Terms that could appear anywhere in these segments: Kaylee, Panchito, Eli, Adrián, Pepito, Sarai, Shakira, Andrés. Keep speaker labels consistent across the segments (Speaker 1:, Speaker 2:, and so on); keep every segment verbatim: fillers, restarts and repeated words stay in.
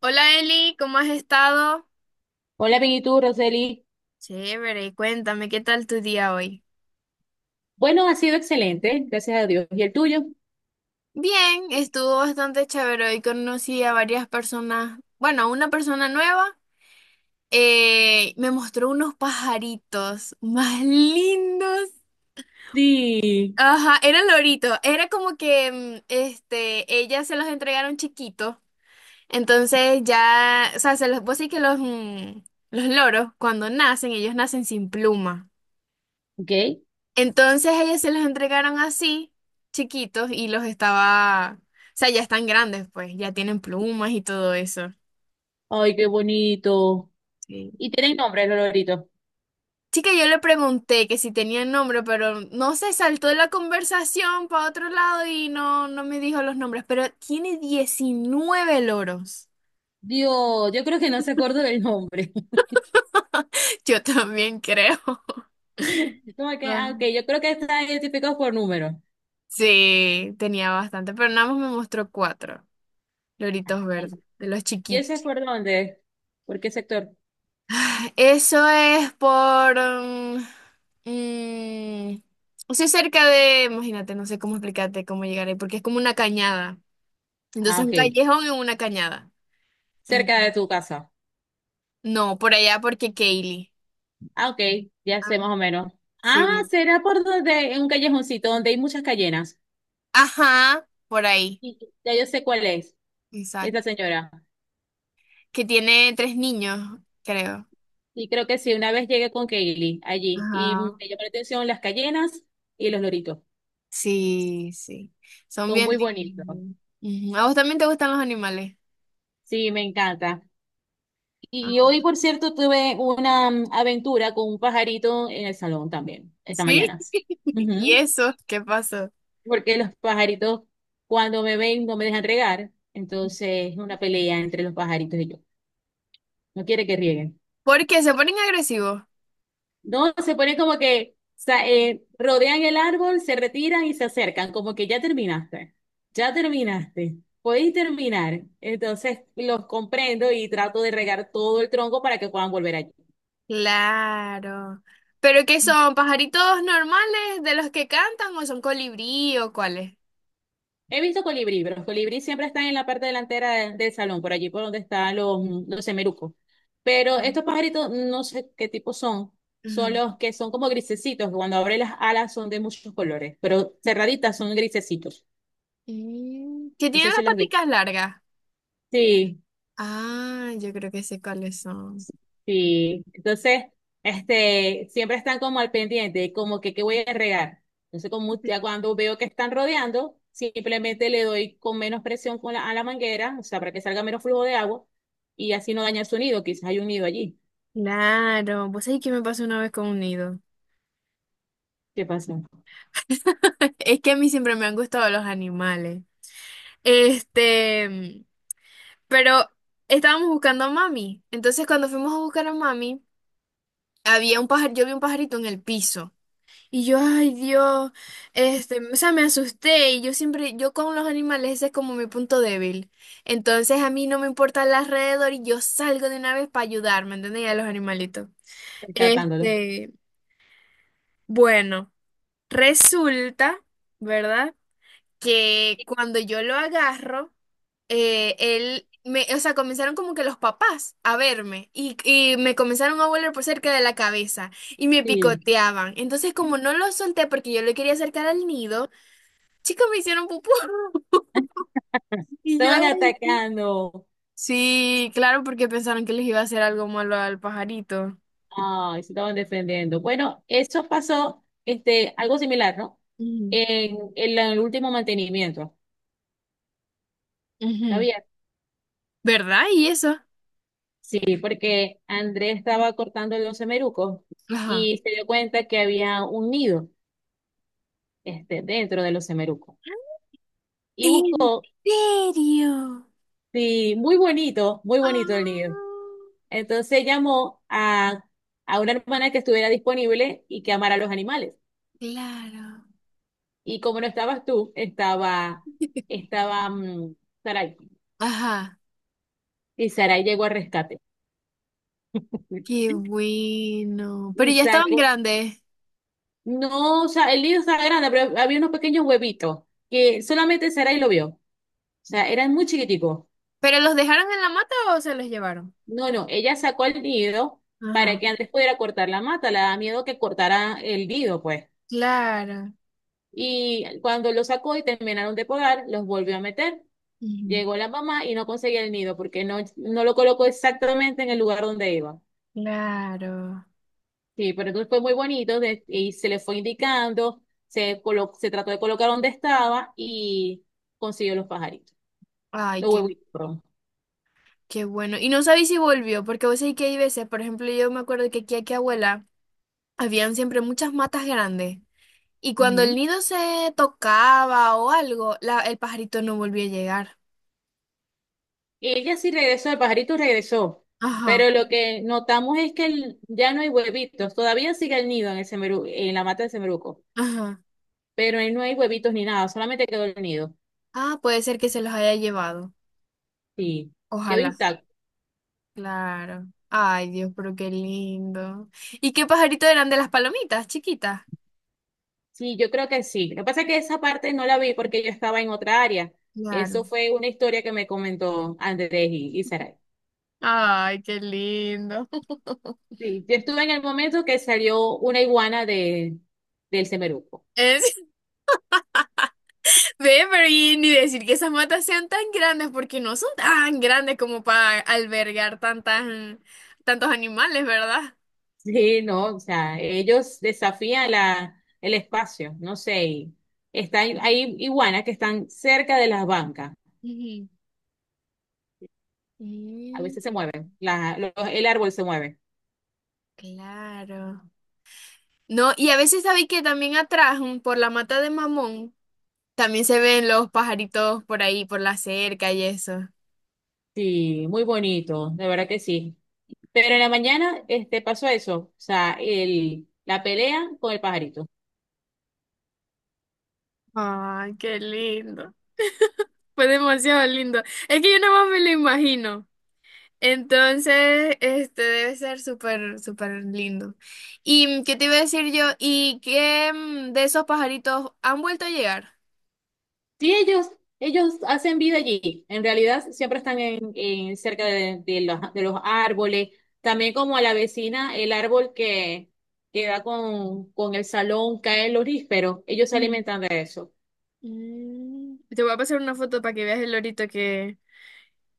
Speaker 1: Hola Eli, ¿cómo has estado?
Speaker 2: Hola, bien, ¿y tú, Roseli?
Speaker 1: Chévere, cuéntame, ¿qué tal tu día hoy?
Speaker 2: Bueno, ha sido excelente, gracias a Dios. ¿Y el tuyo?
Speaker 1: Bien, estuvo bastante chévere. Hoy conocí a varias personas, bueno, a una persona nueva, eh, me mostró unos pajaritos más lindos.
Speaker 2: Sí.
Speaker 1: Ajá, eran loritos, era como que, mm, este, ellas se los entregaron chiquitos, entonces ya, o sea, se los, vos sí que los, mm, los loros, cuando nacen, ellos nacen sin pluma.
Speaker 2: Ok.
Speaker 1: Entonces ellas se los entregaron así, chiquitos, y los estaba, o sea, ya están grandes, pues, ya tienen plumas y todo eso.
Speaker 2: Ay, qué bonito.
Speaker 1: Sí.
Speaker 2: ¿Y tienen nombre, los loritos?
Speaker 1: Chica, yo le pregunté que si tenía nombre, pero no sé, saltó de la conversación para otro lado y no, no me dijo los nombres, pero tiene diecinueve loros.
Speaker 2: Dios, yo creo que no se acuerda del nombre.
Speaker 1: Yo también creo.
Speaker 2: Como que,
Speaker 1: Ah.
Speaker 2: ah, ok, yo creo que están identificados por número.
Speaker 1: Sí, tenía bastante, pero nada más me mostró cuatro loritos
Speaker 2: Ay,
Speaker 1: verdes, de los
Speaker 2: ¿y
Speaker 1: chiquitos.
Speaker 2: ese es por dónde? ¿Por qué sector?
Speaker 1: Eso es por mm, mm, o sea, cerca de. Imagínate, no sé cómo explicarte cómo llegar ahí, porque es como una cañada.
Speaker 2: Ah,
Speaker 1: Entonces, un
Speaker 2: ok.
Speaker 1: callejón en una cañada. Ent-
Speaker 2: Cerca de tu casa.
Speaker 1: no, por allá porque Kaylee.
Speaker 2: Ah, ok, ya
Speaker 1: Ah,
Speaker 2: sé más o menos. Ah,
Speaker 1: sí.
Speaker 2: será por donde, en un callejoncito donde hay muchas callenas.
Speaker 1: Ajá, por ahí.
Speaker 2: Y- Ya yo sé cuál es, esa
Speaker 1: Exacto.
Speaker 2: señora.
Speaker 1: Que tiene tres niños, creo.
Speaker 2: Y creo que sí, una vez llegué con Kaylee allí y me
Speaker 1: Ajá.
Speaker 2: llamó la atención las cayenas y los loritos.
Speaker 1: Sí, sí. Son
Speaker 2: Son
Speaker 1: bien
Speaker 2: muy bonitos.
Speaker 1: lindos. Ujú. ¿A vos también te gustan los animales?
Speaker 2: Sí, me encanta. Y
Speaker 1: Ah.
Speaker 2: hoy, por cierto, tuve una mm, aventura con un pajarito en el salón también, esta
Speaker 1: ¿Sí?
Speaker 2: mañana.
Speaker 1: ¿Y
Speaker 2: Ujú.
Speaker 1: eso? ¿Qué pasó?
Speaker 2: Porque los pajaritos, cuando me ven, no me dejan regar. Entonces, es una pelea entre los pajaritos y yo. No quiere que rieguen.
Speaker 1: ¿Por qué se ponen agresivos?
Speaker 2: No, se pone como que sa- eh, rodean el árbol, se retiran y se acercan, como que ya terminaste, ya terminaste, podéis terminar. Entonces los comprendo y trato de regar todo el tronco para que puedan volver allí.
Speaker 1: Claro. ¿Pero qué son? ¿Pajaritos normales de los que cantan o son colibrí o cuáles?
Speaker 2: He visto colibrí, pero los colibrí siempre están en la parte delantera de- del salón, por allí por donde están los, los semerucos. Pero estos pajaritos, no sé qué tipo son. Son
Speaker 1: Ujú.
Speaker 2: los que son como grisecitos, que cuando abren las alas son de muchos colores, pero cerraditas son grisecitos.
Speaker 1: Mm, Que
Speaker 2: No
Speaker 1: tienen
Speaker 2: sé si
Speaker 1: las
Speaker 2: las vi.
Speaker 1: paticas largas.
Speaker 2: Sí.
Speaker 1: Ah, yo creo que sé cuáles son.
Speaker 2: Sí, entonces, este, siempre están como al pendiente, como que qué voy a regar. Entonces, como ya cuando veo que están rodeando, simplemente le doy con menos presión con la, a la manguera, o sea, para que salga menos flujo de agua y así no daña el nido, quizás hay un nido allí.
Speaker 1: Claro, vos sabés que me pasó una vez con un nido.
Speaker 2: ¿Qué pasa?
Speaker 1: Es que a mí siempre me han gustado los animales. Este, pero estábamos buscando a mami. Entonces, cuando fuimos a buscar a mami, había un pajar, yo vi un pajarito en el piso. Y yo, ay Dios, este, o sea, me asusté y yo siempre, yo con los animales ese es como mi punto débil. Entonces a mí no me importa el alrededor y yo salgo de una vez para ayudar, ¿me entendéis? A los animalitos.
Speaker 2: Rescatándolo.
Speaker 1: Este, bueno, resulta, ¿verdad? Que cuando yo lo agarro, eh, él, me, o sea, comenzaron como que los papás a verme y, y me comenzaron a volar por cerca de la cabeza y me
Speaker 2: Sí.
Speaker 1: picoteaban. Entonces, como no lo solté porque yo lo quería acercar al nido, chicos me hicieron pupú. Y yo,
Speaker 2: Estaban
Speaker 1: "Ay".
Speaker 2: atacando.
Speaker 1: Sí, claro, porque pensaron que les iba a hacer algo malo al pajarito.
Speaker 2: Ay, se estaban defendiendo. Bueno, eso pasó, este, algo similar, ¿no?
Speaker 1: Ujú.
Speaker 2: En, en la- en el último mantenimiento.
Speaker 1: Ujú.
Speaker 2: ¿Sabía?
Speaker 1: ¿Verdad? ¿Y eso?
Speaker 2: Sí, porque Andrés estaba cortando los semerucos
Speaker 1: Ajá.
Speaker 2: y se dio cuenta que había un nido este, dentro de los semerucos. Y
Speaker 1: ¿En
Speaker 2: buscó,
Speaker 1: serio?
Speaker 2: sí, muy bonito, muy bonito el nido.
Speaker 1: Ah,
Speaker 2: Entonces llamó a, a una hermana que estuviera disponible y que amara a los animales.
Speaker 1: claro.
Speaker 2: Y como no estabas tú, estaba, estaba mm, Sarai.
Speaker 1: Ajá.
Speaker 2: Y Sarai llegó al rescate.
Speaker 1: Qué bueno. Pero
Speaker 2: Y
Speaker 1: ya estaban
Speaker 2: sacó,
Speaker 1: grandes.
Speaker 2: no, o sea, el nido estaba grande, pero había unos pequeños huevitos que solamente Sarai lo vio. Sea, eran muy chiquiticos.
Speaker 1: ¿Pero los dejaron en la mata o se los llevaron?
Speaker 2: No, no, ella sacó el nido para
Speaker 1: Ajá.
Speaker 2: que antes pudiera cortar la mata, le daba miedo que cortara el nido, pues.
Speaker 1: Claro.
Speaker 2: Y cuando lo sacó y terminaron de podar, los volvió a meter.
Speaker 1: Ujú.
Speaker 2: Llegó la mamá y no conseguía el nido porque no, no lo colocó exactamente en el lugar donde iba.
Speaker 1: Claro.
Speaker 2: Sí, pero entonces fue muy bonito de- y se le fue indicando, se, colo- se trató de colocar donde estaba y consiguió los pajaritos,
Speaker 1: Ay,
Speaker 2: los
Speaker 1: qué
Speaker 2: huevitos.
Speaker 1: Qué bueno. Y no sabéis si volvió, porque vos sabés que hay veces, por ejemplo, yo me acuerdo que aquí, aquí abuela, habían siempre muchas matas grandes. Y cuando el
Speaker 2: Perdón.
Speaker 1: nido se tocaba o algo, la, el pajarito no volvió a llegar.
Speaker 2: Ella sí regresó, el pajarito regresó,
Speaker 1: Ajá,
Speaker 2: pero lo que notamos es que el- ya no hay huevitos, todavía sigue el nido en el semeru- en la mata del semeruco,
Speaker 1: ajá.
Speaker 2: pero ahí no hay huevitos ni nada, solamente quedó el nido.
Speaker 1: Ah, puede ser que se los haya llevado.
Speaker 2: Sí, quedó
Speaker 1: Ojalá.
Speaker 2: intacto.
Speaker 1: Claro. Ay, Dios, pero qué lindo. ¿Y qué pajarito eran de las palomitas, chiquitas?
Speaker 2: Sí, yo creo que sí. Lo que pasa es que esa parte no la vi porque yo estaba en otra área.
Speaker 1: Claro.
Speaker 2: Eso fue una historia que me comentó Andrés y, y Saray.
Speaker 1: Ay, qué lindo.
Speaker 2: Sí, yo estuve en el momento que salió una iguana de, del semeruco.
Speaker 1: Es- Ve, pero y ni decir que esas matas sean tan grandes, porque no son tan grandes como para albergar tantas, tantos animales, ¿verdad?
Speaker 2: Sí, no, o sea, ellos desafían la, el espacio, no sé, y están, hay iguanas que están cerca de las bancas,
Speaker 1: Ujú.
Speaker 2: a
Speaker 1: Mm,
Speaker 2: veces se mueven, la- los- el árbol se mueve.
Speaker 1: claro. No, y a veces sabéis que también atrás, mm, por la mata de mamón, también se ven los pajaritos por ahí, por la cerca y eso.
Speaker 2: Sí, muy bonito, de verdad que sí. Pero en la mañana este, pasó eso, o sea, el, la pelea con el pajarito.
Speaker 1: Ay, qué lindo. Fue demasiado lindo. Es que yo nada más me lo imagino. Entonces, este debe ser súper, súper lindo. ¿Y qué te iba a decir yo? ¿Y qué mm, de esos pajaritos han vuelto a llegar?
Speaker 2: Sí, ellos, ellos hacen vida allí. En realidad siempre están en, en cerca de, de los, de los árboles. También como a la vecina, el árbol que, que da con, con el salón cae el lorífero. Ellos se
Speaker 1: Ujú.
Speaker 2: alimentan de eso.
Speaker 1: Mm. Te voy a pasar una foto para que veas el lorito que,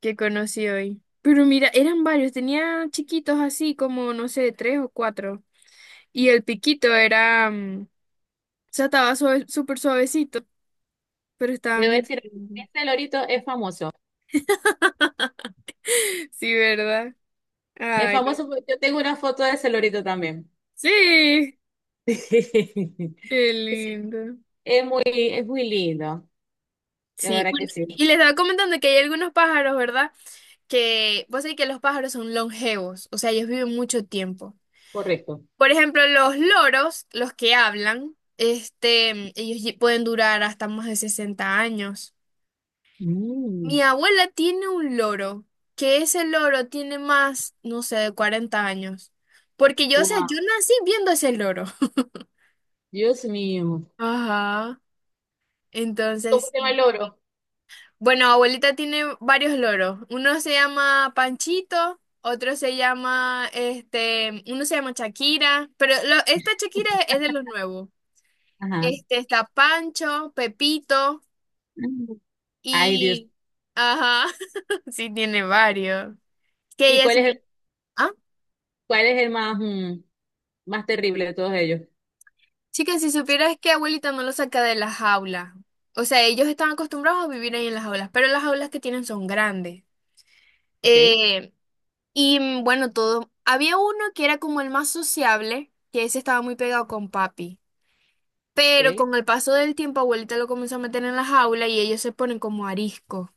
Speaker 1: que conocí hoy. Pero mira, eran varios, tenía chiquitos así como, no sé, tres o cuatro. Y el piquito era, mm, o sea, estaba suave- súper suavecito, pero estaban
Speaker 2: Debo
Speaker 1: bien
Speaker 2: decir,
Speaker 1: lindos.
Speaker 2: este lorito es famoso.
Speaker 1: Sí, ¿verdad?
Speaker 2: Es
Speaker 1: Ay, no,
Speaker 2: famoso porque yo tengo una foto de ese lorito también.
Speaker 1: sí, qué
Speaker 2: Sí,
Speaker 1: lindo.
Speaker 2: es muy, es muy lindo. De
Speaker 1: Sí,
Speaker 2: verdad
Speaker 1: bueno,
Speaker 2: que
Speaker 1: y
Speaker 2: sí.
Speaker 1: les estaba comentando que hay algunos pájaros, ¿verdad? Que vos sabés que los pájaros son longevos, o sea, ellos viven mucho tiempo.
Speaker 2: Correcto.
Speaker 1: Por ejemplo, los loros, los que hablan, este, ellos lle- pueden durar hasta más de sesenta años.
Speaker 2: Mm,
Speaker 1: Mi abuela tiene un loro, que ese loro tiene más, no sé, de cuarenta años. Porque yo, o sea, yo
Speaker 2: wow,
Speaker 1: nací viendo ese loro.
Speaker 2: Dios mío.
Speaker 1: Ajá.
Speaker 2: ¿Y ¿Cómo
Speaker 1: Entonces,
Speaker 2: se llama
Speaker 1: sí.
Speaker 2: el loro?
Speaker 1: Bueno, abuelita tiene varios loros. Uno se llama Panchito, otro se llama, este, uno se llama Shakira, pero lo- esta Shakira es de los nuevos.
Speaker 2: Ajá.
Speaker 1: Este está Pancho, Pepito
Speaker 2: Ay, Dios.
Speaker 1: y, ajá, sí tiene varios. Que
Speaker 2: ¿Y
Speaker 1: ella
Speaker 2: cuál
Speaker 1: es-
Speaker 2: es el,
Speaker 1: ah,
Speaker 2: cuál es el más, mm, más terrible de todos ellos?
Speaker 1: chicas, si supieras que abuelita no lo saca de la jaula. O sea, ellos están acostumbrados a vivir ahí en las jaulas, pero las jaulas que tienen son grandes.
Speaker 2: Ok,
Speaker 1: Eh, Y mm, bueno, todo. Había uno que era como el más sociable, que ese estaba muy pegado con papi. Pero
Speaker 2: ok.
Speaker 1: con el paso del tiempo, abuelita lo comenzó a meter en la jaula y ellos se ponen como arisco.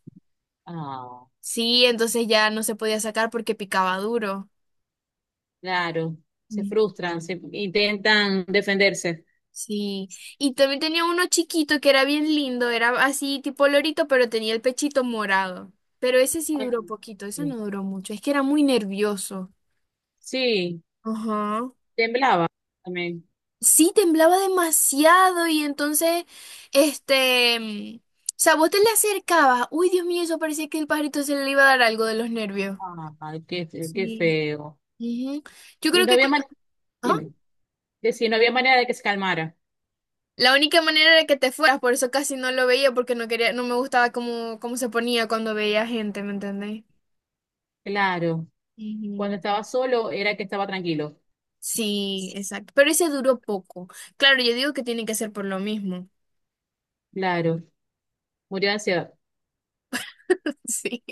Speaker 2: Ah,
Speaker 1: Sí, entonces ya no se podía sacar porque picaba duro.
Speaker 2: claro. Se
Speaker 1: Mm.
Speaker 2: frustran, se intentan defenderse.
Speaker 1: Sí. Y también tenía uno chiquito que era bien lindo, era así tipo lorito, pero tenía el pechito morado. Pero ese sí
Speaker 2: Ay,
Speaker 1: duró poquito, ese no duró mucho, es que era muy nervioso.
Speaker 2: sí,
Speaker 1: Ajá.
Speaker 2: temblaba también.
Speaker 1: Sí, temblaba demasiado y entonces, este, mm, o sea, vos te le acercabas. Uy, Dios mío, eso parecía que el pajarito se le iba a dar algo de los nervios.
Speaker 2: Ay, qué, fe- qué
Speaker 1: Sí.
Speaker 2: feo.
Speaker 1: Ujú. Yo
Speaker 2: Y
Speaker 1: creo
Speaker 2: no
Speaker 1: que cu-
Speaker 2: había manera,
Speaker 1: ¿ah?
Speaker 2: dime, que si no había manera de que se calmara.
Speaker 1: La única manera era que te fueras, por eso casi no lo veía porque no quería, no me gustaba cómo, cómo se ponía cuando veía gente, ¿me entendés?
Speaker 2: Claro. Cuando
Speaker 1: Ujú.
Speaker 2: estaba solo era que estaba tranquilo.
Speaker 1: Sí, exacto. Pero ese duró poco. Claro, yo digo que tiene que ser por lo mismo.
Speaker 2: Claro. Murió de ansiedad.
Speaker 1: Sí,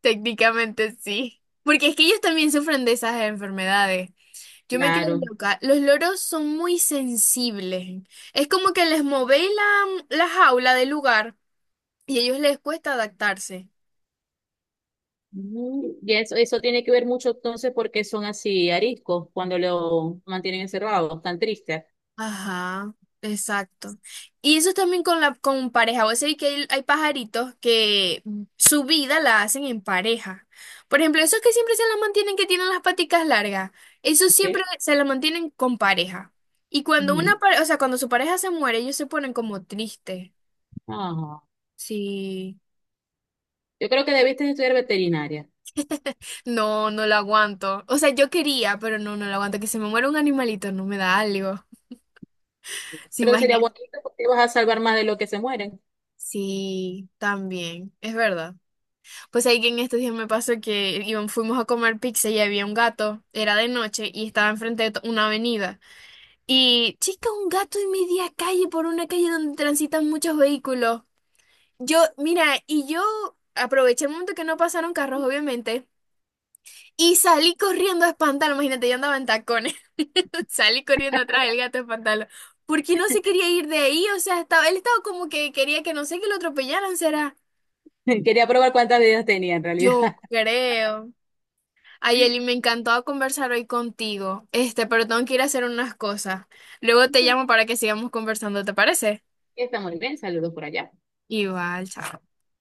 Speaker 1: técnicamente sí. Porque es que ellos también sufren de esas enfermedades. Yo me quedé
Speaker 2: Claro.
Speaker 1: loca. Los loros son muy sensibles. Es como que les movéis la, la jaula del lugar y a ellos les cuesta adaptarse.
Speaker 2: Mm, Y eso, eso tiene que ver mucho entonces porque son así ariscos cuando lo mantienen encerrados, tan tristes.
Speaker 1: Ajá, exacto. Y eso también con la con pareja. Vos sabés que hay, hay pajaritos que su vida la hacen en pareja. Por ejemplo, esos que siempre se la mantienen, que tienen las paticas largas, esos siempre
Speaker 2: ¿Ok?
Speaker 1: se la mantienen con pareja. Y cuando una
Speaker 2: Ujú.
Speaker 1: pareja, o sea, cuando su pareja se muere, ellos se ponen como tristes.
Speaker 2: Ah,
Speaker 1: Sí.
Speaker 2: yo creo que debiste estudiar veterinaria,
Speaker 1: No, no lo aguanto. O sea, yo quería, pero no, no lo aguanto. Que se me muera un animalito, no me da algo. ¿Se
Speaker 2: pero sería
Speaker 1: imaginan?
Speaker 2: bonito porque ibas a salvar más de lo que se mueren.
Speaker 1: Sí, también, es verdad. Pues ahí que en estos días me pasó que íbam- fuimos a comer pizza y había un gato, era de noche y estaba enfrente de to- una avenida. Y, chica, un gato en media calle, por una calle donde transitan muchos vehículos. Yo, mira, y yo aproveché el momento que no pasaron carros, obviamente. Y salí corriendo a espantarlo, imagínate, yo andaba en tacones. Salí corriendo atrás del gato a espantarlo. Porque no se quería ir de ahí, o sea, estaba, él estaba como que quería que no sé que lo atropellaran, será.
Speaker 2: Quería probar cuántas vidas tenía en realidad.
Speaker 1: Yo creo. Ay, Eli, me encantó conversar hoy contigo. Este, pero tengo que ir a hacer unas cosas. Luego te
Speaker 2: Ok,
Speaker 1: llamo para que sigamos conversando, ¿te parece?
Speaker 2: está muy bien, saludos por allá.
Speaker 1: Igual, chao.